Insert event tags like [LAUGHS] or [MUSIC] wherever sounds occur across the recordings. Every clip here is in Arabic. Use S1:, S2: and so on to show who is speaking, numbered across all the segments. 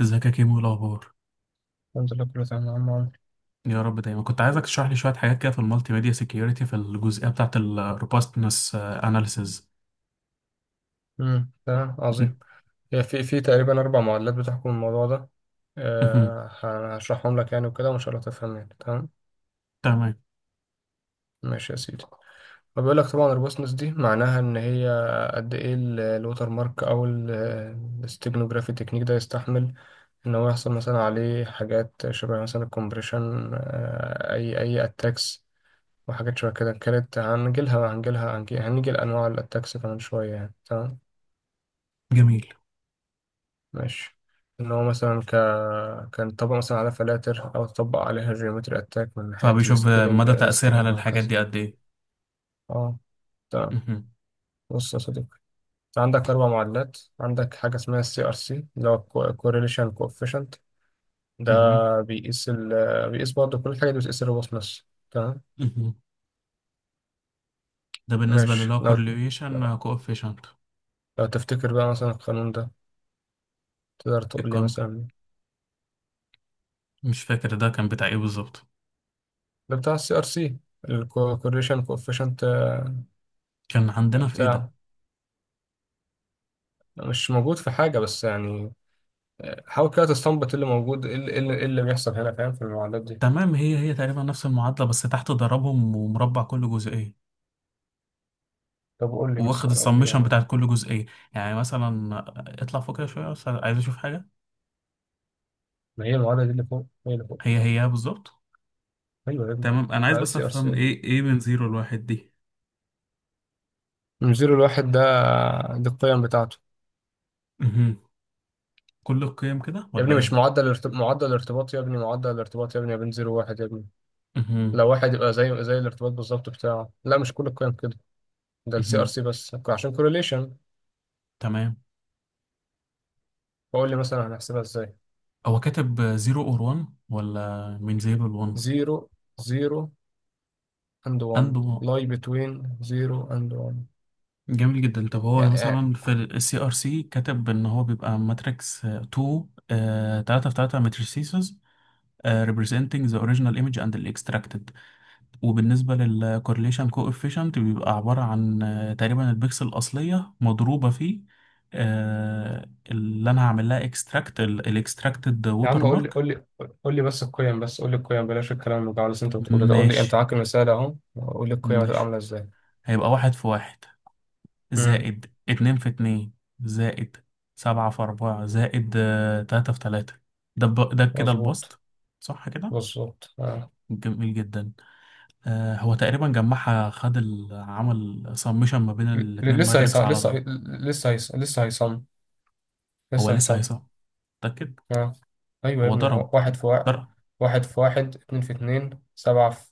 S1: ازيك يا كيمو؟ إيه الاخبار؟
S2: الحمد لله، كله تمام يا عم عمرو.
S1: يا رب دايما. كنت عايزك تشرح لي شويه حاجات كده في المالتي ميديا سيكيورتي، في الجزئيه بتاعه الروبستنس اناليسز.
S2: تمام، عظيم. هي في تقريبا اربع معادلات بتحكم الموضوع ده. هشرحهم لك يعني وكده، وان شاء الله تفهم يعني، تمام؟
S1: تمام.
S2: ماشي يا سيدي. فبيقول لك طبعا الروبوسنس دي معناها ان هي قد ايه الوتر مارك او الاستيجنوجرافي تكنيك ده يستحمل ان هو يحصل مثلا عليه حاجات شبه مثلا الكومبريشن، اي اتاكس. وحاجات شبه كده، كانت هنيجي لانواع الاتاكس كمان شويه، يعني تمام.
S1: جميل.
S2: ماشي. ان هو مثلا كان طبق مثلا على فلاتر او طبق عليها جيومتري اتاك من ناحيه
S1: فبيشوف
S2: السكيلينج
S1: مدى تاثيرها
S2: السكيلينج
S1: للحاجات
S2: وهكذا.
S1: دي قد ايه؟
S2: اه، تمام.
S1: مهم.
S2: بص يا صديقي، انت عندك اربع معادلات. عندك حاجه اسمها السي ار سي، اللي هو كوريليشن كوفيشنت ده.
S1: مهم.
S2: بيقيس ال... بيقيس برضه، كل حاجه دي بتقيس الروبوسنس، تمام؟
S1: مهم. ده بالنسبه
S2: ماشي.
S1: للو
S2: لو
S1: كورليشن كوفيشنت.
S2: لو تفتكر بقى مثلا القانون ده، تقدر تقول لي
S1: الكون،
S2: مثلا؟
S1: مش فاكر ده كان بتاع ايه بالظبط.
S2: ده بتاع السي ار سي، الكوريليشن كوفيشنت
S1: كان عندنا في ايه ده؟
S2: بتاعه. مش موجود في حاجة بس يعني، حاول كده تستنبط إيه اللي موجود، إيه اللي بيحصل هنا، فاهم؟ في المعادلات دي،
S1: تمام، هي هي تقريبا نفس المعادله، بس تحت ضربهم ومربع كل جزئيه،
S2: طب قول لي
S1: واخد
S2: مثلا، قول لي
S1: السمشن
S2: يعني.
S1: بتاعت كل جزئية. يعني مثلا اطلع فوق كده شوية، بس عايز اشوف حاجة.
S2: ما هي المعادلة دي، اللي فوق هي اللي فوق.
S1: هي هي بالظبط.
S2: أيوه يا ابني.
S1: تمام، انا عايز
S2: ما ده
S1: بس
S2: سي ار
S1: افهم
S2: سي.
S1: ايه من زيرو لواحد دي.
S2: من زيرو لواحد ده، دي القيم بتاعته.
S1: مهم. كل القيم كده
S2: يا
S1: ولا
S2: ابني مش
S1: ايه؟
S2: معدل الارتب... معدل الارتباط يا ابني، معدل الارتباط يا ابني، يا بين زيرو وواحد يا ابني.
S1: مهم.
S2: لو واحد يبقى زي الارتباط بالظبط بتاعه. لا، مش كل القيم كده. ده السي ار
S1: مهم.
S2: سي بس عشان كورليشن.
S1: تمام.
S2: فقول لي مثلا هنحسبها ازاي؟
S1: هو كاتب زيرو اور وان ولا من زيرو لوان؟
S2: زيرو زيرو and 1
S1: عنده.
S2: lie between 0 and 1
S1: جميل جدا. طب هو
S2: يعني.
S1: مثلا في السي ار سي كاتب ان هو بيبقى ماتريكس 2، 3 في 3 ماتريسيز، representing the original image and the extracted. وبالنسبة للكورليشن كوفيشنت بيبقى عبارة عن تقريبا البكسل الأصلية مضروبة في اللي أنا هعمل لها اكستراكت، الاكستراكتد
S2: يا
S1: ووتر
S2: عم، قول لي،
S1: مارك.
S2: قول لي. قول لي بس القيم، بس قول لي القيم، بلاش الكلام اللي بتاع اللي انت بتقوله ده، قول لي انت
S1: ماشي.
S2: معاك المثال اهو، قول لي القيم هتبقى
S1: ماشي.
S2: عامله ازاي.
S1: هيبقى واحد في واحد،
S2: امم.
S1: زائد اتنين في اتنين، زائد سبعة في أربعة، زائد تلاتة في تلاتة. ده كده
S2: مظبوط.
S1: البسط. صح كده؟
S2: مظبوط آه.
S1: جميل جدا. هو تقريبا جمعها، عمل سمشن ما بين
S2: ل-
S1: الاتنين
S2: لسه هيصم،
S1: ماتريكس على
S2: لسه
S1: طول.
S2: لسه هيصم،
S1: هو
S2: لسه
S1: لسه
S2: هيصم.
S1: هيصح؟ متأكد؟
S2: آه. ايوه يا
S1: هو
S2: ابني، ما هو
S1: ضرب.
S2: واحد في واحد.
S1: ضرب.
S2: واحد في واحد، اتنين في اتنين، سبعة في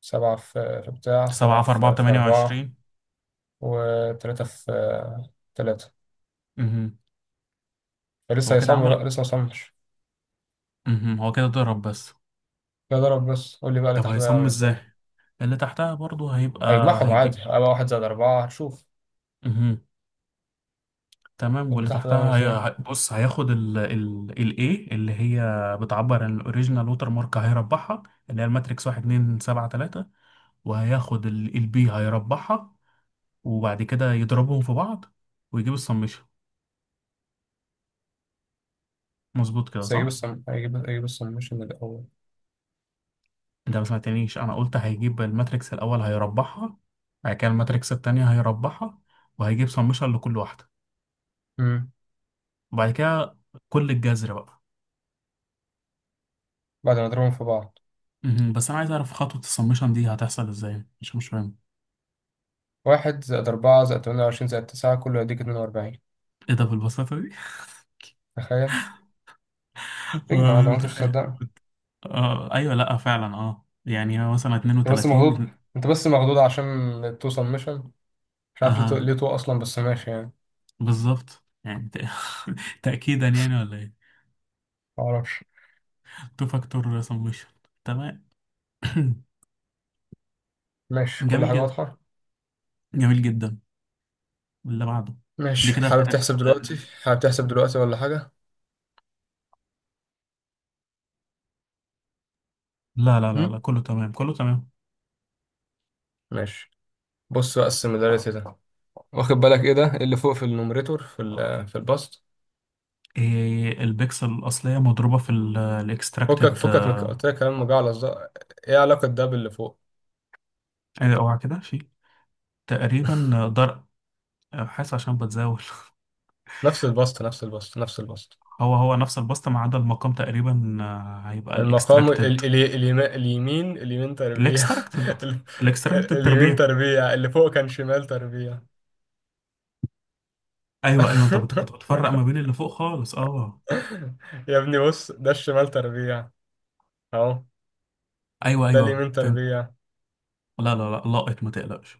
S2: سبعة في في بتاع سبعة
S1: سبعة في أربعة
S2: في في
S1: بتمانية
S2: أربعة
S1: وعشرين.
S2: وتلاتة في تلاتة.
S1: مهم.
S2: لسه
S1: هو كده
S2: هيصم
S1: عمل.
S2: بقى، لسه مصمش.
S1: مهم. هو كده ضرب بس.
S2: لا، ضرب بس. قول لي بقى اللي
S1: طب
S2: تحت بقى
S1: هيصم
S2: عامل
S1: ازاي؟
S2: ازاي.
S1: اللي تحتها برضو هيبقى.
S2: هيجمعهم عادي،
S1: هيجي.
S2: هيبقى واحد زائد أربعة هنشوف.
S1: مهم. تمام،
S2: اللي
S1: واللي
S2: تحت ده عامل
S1: تحتها
S2: ازاي؟
S1: بص، هياخد ال A اللي هي بتعبر عن الاوريجينال ووتر مارك، هيربحها، اللي هي الماتريكس واحد اتنين سبعة تلاتة، وهياخد ال B، هيربحها، وبعد كده يضربهم في بعض، ويجيب السمشن. مظبوط كده
S2: بس
S1: صح؟
S2: هيجيب السمشن الأول.
S1: انت ما سمعتنيش. انا قلت هيجيب الماتريكس الاول، هيربعها، بعد كده الماتريكس التانية هيربعها، وهيجيب سمشن لكل واحدة،
S2: امم.
S1: وبعد كده كل الجذر بقى.
S2: بعد ما نضربهم في بعض.
S1: مهم. بس انا عايز اعرف خطوة السمشن دي هتحصل ازاي، مش فاهم.
S2: واحد زائد أربعة زائد تمانية وعشرين زائد تسعة، كله يديك اتنين وأربعين.
S1: ايه ده بالبساطة دي؟ [LAUGHS]
S2: تخيل. اجمع
S1: وأنا
S2: لو أنت مش
S1: متخيل.
S2: مصدقني.
S1: اه ايوه، لا فعلا اه، يعني هو مثلا
S2: أنت بس مخضوض.
S1: 32.
S2: أنت بس مخضوض عشان تو سمشن. مش عارف ليه تو،
S1: اه
S2: ليه تو أصلا، بس ماشي يعني.
S1: بالظبط يعني [LAUGHS] تأكيدا يعني ولا ايه؟
S2: معرفش.
S1: تو فاكتور سمشن. تمام. [CLEARS THROAT]
S2: ماشي، كل
S1: جميل
S2: حاجة
S1: جدا.
S2: واضحة.
S1: جميل جدا. اللي بعده. دي
S2: ماشي،
S1: كده
S2: حابب
S1: كانت.
S2: تحسب دلوقتي؟ حابب تحسب دلوقتي ولا حاجة؟
S1: لا لا لا
S2: هم؟
S1: لا، كله تمام، كله تمام.
S2: ماشي. بص بقى السيميلاريتي ده، واخد بالك ايه ده؟ إيه اللي فوق في النوميريتور، في البسط؟
S1: إيه؟ البكسل الأصلية مضروبة في
S2: فكك
S1: الاكستراكتد.
S2: فكك من قلت لك كلام مجعلص ده. ايه علاقة ده باللي فوق؟
S1: اوعى كده، في تقريبا ضرب. حاسس عشان بتزاول. [LAUGHS]
S2: نفس البسط، نفس البسط، نفس البسط.
S1: هو هو نفس البسطة، ما عدا المقام تقريبا. هيبقى
S2: المقام ال
S1: الاكستراكتد.
S2: ال ال اليمين اليمين تربيع. [LAUGHS]
S1: الاكستراكتد.
S2: ال-
S1: الاكستراكتد
S2: اليمين
S1: تربيع.
S2: تربيع، اللي فوق كان شمال تربيع.
S1: ايوه ايوه، كنت
S2: [LAUGHS]
S1: بتفرق ما بين اللي فوق خالص، اه.
S2: يا ابني بص، ده الشمال تربيع اهو.
S1: ايوه
S2: ده
S1: ايوه
S2: اليمين
S1: فاهم.
S2: تربيع.
S1: لا لا لا، لاقط، ما تقلقش.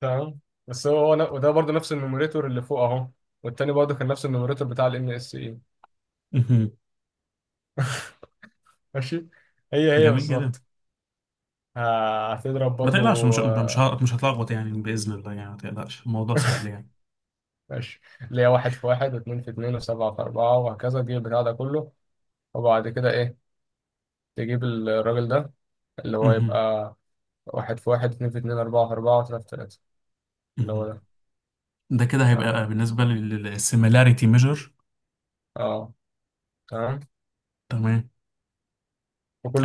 S2: تمام. بس وده برضه نفس النوميريتور اللي فوق اهو. والتاني برضه كان نفس النوميريتور بتاع الام اس اي.
S1: مهم.
S2: [LAUGHS] ماشي. هي
S1: جميل جدا.
S2: بالظبط. هتضرب
S1: ما تقلقش. مش
S2: برضو.
S1: مش ه- مش هتلخبط يعني بإذن الله، يعني ما تقلقش، الموضوع سهل يعني.
S2: ماشي. اللي هي واحد في واحد واثنين في اتنين وسبعة في أربعة وهكذا، تجيب البتاع ده كله. وبعد كده إيه؟ تجيب الراجل ده، اللي هو
S1: مهم.
S2: يبقى واحد في واحد، اتنين في اتنين، أربعة في أربعة، وتلاتة في تلاتة، اللي هو
S1: مهم.
S2: ده.
S1: ده كده هيبقى
S2: تمام.
S1: بالنسبة للسيميلاريتي ميجر.
S2: أه، تمام.
S1: تمام.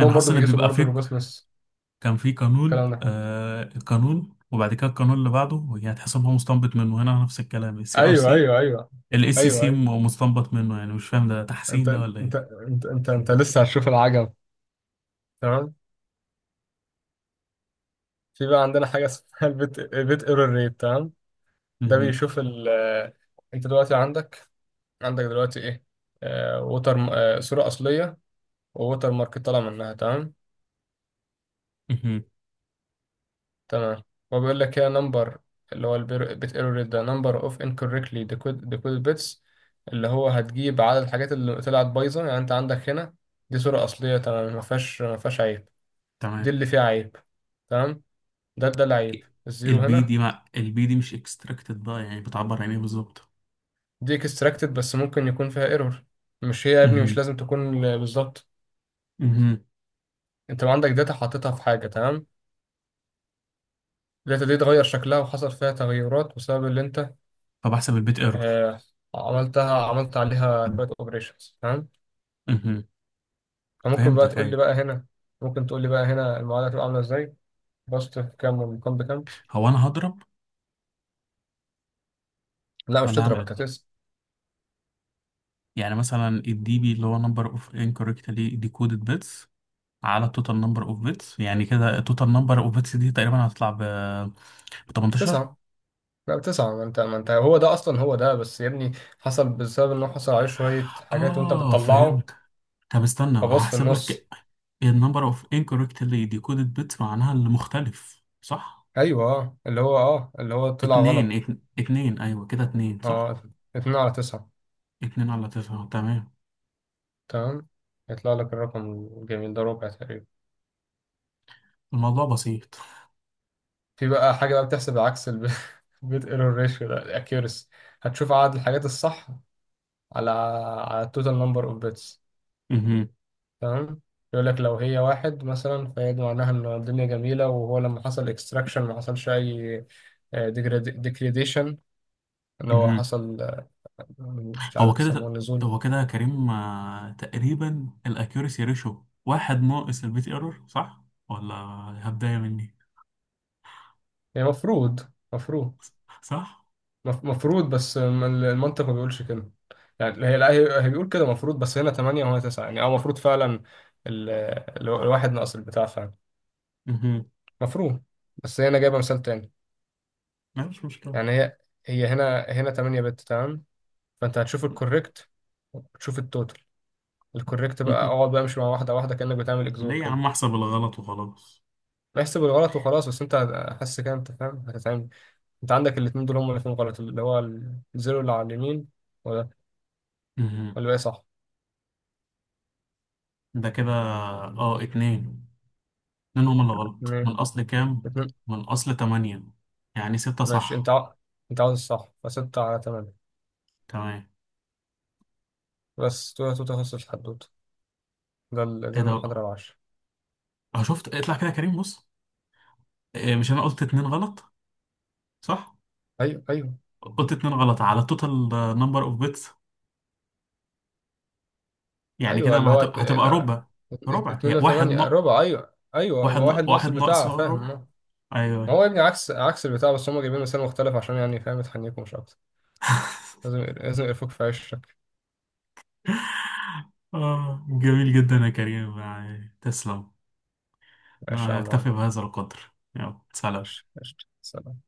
S1: انا حاسس
S2: برضو
S1: ان
S2: بيقيسوا
S1: بيبقى
S2: برضو
S1: في،
S2: الروبوسنس.
S1: كان في قانون،
S2: الكلام ده،
S1: آه، القانون وبعد كده القانون اللي بعده، وهي هتحس ان هو مستنبط منه، هنا نفس الكلام. السي ار
S2: أيوه
S1: سي
S2: أيوه أيوه.
S1: الاس سي
S2: أيوه
S1: سي
S2: أيوه.
S1: مستنبط منه، يعني مش فاهم ده تحسين ده ولا ايه؟
S2: أنت لسه هتشوف العجب. تمام. في بقى عندنا حاجة اسمها بيت ايرور ريت، تمام؟ ده
S1: مهم.
S2: بيشوف ال آه، أنت دلوقتي عندك، عندك دلوقتي ايه؟ آه ووتر آه صورة أصلية، ووتر مارك طالع منها، تمام.
S1: مهم.
S2: تمام. هو بيقول لك هي نمبر، اللي هو البيت ايرور ريت، ده نمبر اوف انكوركتلي ديكودد بيتس. اللي هو هتجيب عدد الحاجات اللي طلعت بايظة يعني. انت عندك هنا، دي صورة أصلية تمام، ما فيهاش عيب.
S1: تمام.
S2: دي اللي فيها عيب. تمام. ده العيب الزيرو
S1: البي
S2: هنا.
S1: دي مع البي دي مش اكستراكتد بقى، يعني بتعبر عن ايه بالظبط؟
S2: دي اكستراكتد بس ممكن يكون فيها ايرور. مش هي يا ابني، مش
S1: مهم.
S2: لازم تكون بالظبط.
S1: مهم.
S2: انت لو عندك داتا حاططها في حاجة، تمام؟ الداتا دي اتغير شكلها وحصل فيها تغيرات بسبب اللي انت
S1: فبحسب البيت ايرور.
S2: آه، عملت عليها شوية اوبريشنز، تمام؟
S1: مهم.
S2: فممكن بقى
S1: فهمتك،
S2: تقول لي
S1: ايوه.
S2: بقى هنا، ممكن تقول لي بقى هنا المعادلة هتبقى عاملة ازاي؟ بسط في كام والمقام بكام؟
S1: هو انا هضرب
S2: لا، مش
S1: ولا هعمل
S2: تضرب انت،
S1: إيه؟
S2: تسعة.
S1: يعني مثلا الدي بي اللي هو نمبر اوف انكوركتلي ديكودد بيتس على التوتال نمبر اوف بيتس. يعني كده التوتال نمبر اوف بيتس دي تقريبا هتطلع ب 18.
S2: تسعة. لا تسعة، ما انت هو ده اصلا، هو ده بس يا ابني. حصل بسبب انه حصل عليه شوية حاجات وانت
S1: اه
S2: بتطلعه.
S1: فهمت. طب استنى
S2: فباص في
S1: هحسب لك.
S2: النص.
S1: النمبر اوف انكوركتلي ديكودد بيتس معناها اللي مختلف صح؟
S2: ايوه، اه، اللي هو طلع
S1: اتنين،
S2: غلط.
S1: اتنين، ايوه كده، اتنين صح؟
S2: اه، اتنين على تسعة،
S1: اتنين على تسعة. تمام.
S2: تمام. يطلع لك الرقم الجميل ده، ربع تقريبا.
S1: الموضوع بسيط.
S2: في بقى حاجة بقى بتحسب العكس. [LAUGHS] البيت ايرور ريشيو ده الاكيورسي، هتشوف عدد الحاجات الصح على التوتال نمبر اوف بيتس،
S1: مهم.
S2: تمام. يقول لك لو هي واحد مثلا، فهي دي معناها ان الدنيا جميلة، وهو لما حصل اكستراكشن ما حصلش اي ديجريديشن، ان هو
S1: مهم.
S2: حصل، مش
S1: هو
S2: عارف يسموه،
S1: كده،
S2: نزول.
S1: هو كده كريم، تقريبا الاكيوريسي ريشو واحد ناقص البيت ايرور، صح ولا؟ هبدايه مني
S2: هي مفروض. مفروض.
S1: صح.
S2: مفروض، بس المنطق ما بيقولش كده. يعني هي، لا، هي بيقول كده مفروض، بس هنا 8 وهنا 9 يعني، اه المفروض فعلا ال- الواحد ناقص البتاع فعلا.
S1: مهم.
S2: مفروض، بس هي هنا جايبه مثال تاني.
S1: لا مش مشكله.
S2: يعني هي، هي هنا 8 بت، تمام. فانت هتشوف الكوريكت وتشوف التوتال، الكوريكت بقى
S1: مهم.
S2: اقعد بقى امشي مع واحده واحده، كانك بتعمل اكزور
S1: ليه يا
S2: كده.
S1: عم؟ احسب الغلط وخلاص.
S2: احسب الغلط وخلاص، بس انت حاسس كده انت فاهم هتتعمل. انت عندك الاثنين دول هم الاثنين غلط، اللي هو الزيرو اللي على اليمين. ولا
S1: مهم.
S2: ولا ايه، صح؟
S1: ده كده اه اتنين. اتنين هما اللي غلط. من
S2: اتنين.
S1: اصل كام؟
S2: اتنين.
S1: من اصل تمانية. يعني ستة
S2: ماشي،
S1: صح.
S2: انت عاوز الصح، فستة على تمانية.
S1: تمام.
S2: بس تو، تخصص الحدوتة. دي
S1: ايه ده بقى؟
S2: المحاضرة العاشرة.
S1: اه شفت. اطلع كده يا كريم بص. إيه؟ مش انا قلت اتنين غلط؟ صح؟
S2: ايوه ايوه.
S1: قلت اتنين غلط على التوتال نمبر اوف بيتس. يعني
S2: ايوه،
S1: كده
S2: اللي
S1: ما
S2: هو
S1: هت- هتبقى
S2: لا،
S1: ربع. ربع،
S2: اتنين
S1: هي
S2: وتمانية ربع، ايوه ايوه، يبقى واحد ناقص
S1: واحد ناقص
S2: البتاع، فاهم؟
S1: ربع.
S2: اه.
S1: ايوه
S2: ما هو
S1: أيوة.
S2: يا ابني عكس عكس البتاع، بس هم جايبين مثال مختلف عشان يعني فاهم، يتحنيكم مش اكتر. لازم لازم يقرفوك في عشك.
S1: اه جميل جدا يا كريم، يعني تسلم.
S2: عيش يا
S1: لا
S2: عم
S1: يكتفي
S2: عمرو.
S1: بهذا القدر، يلا سلام.
S2: عيش، عيش. سلام.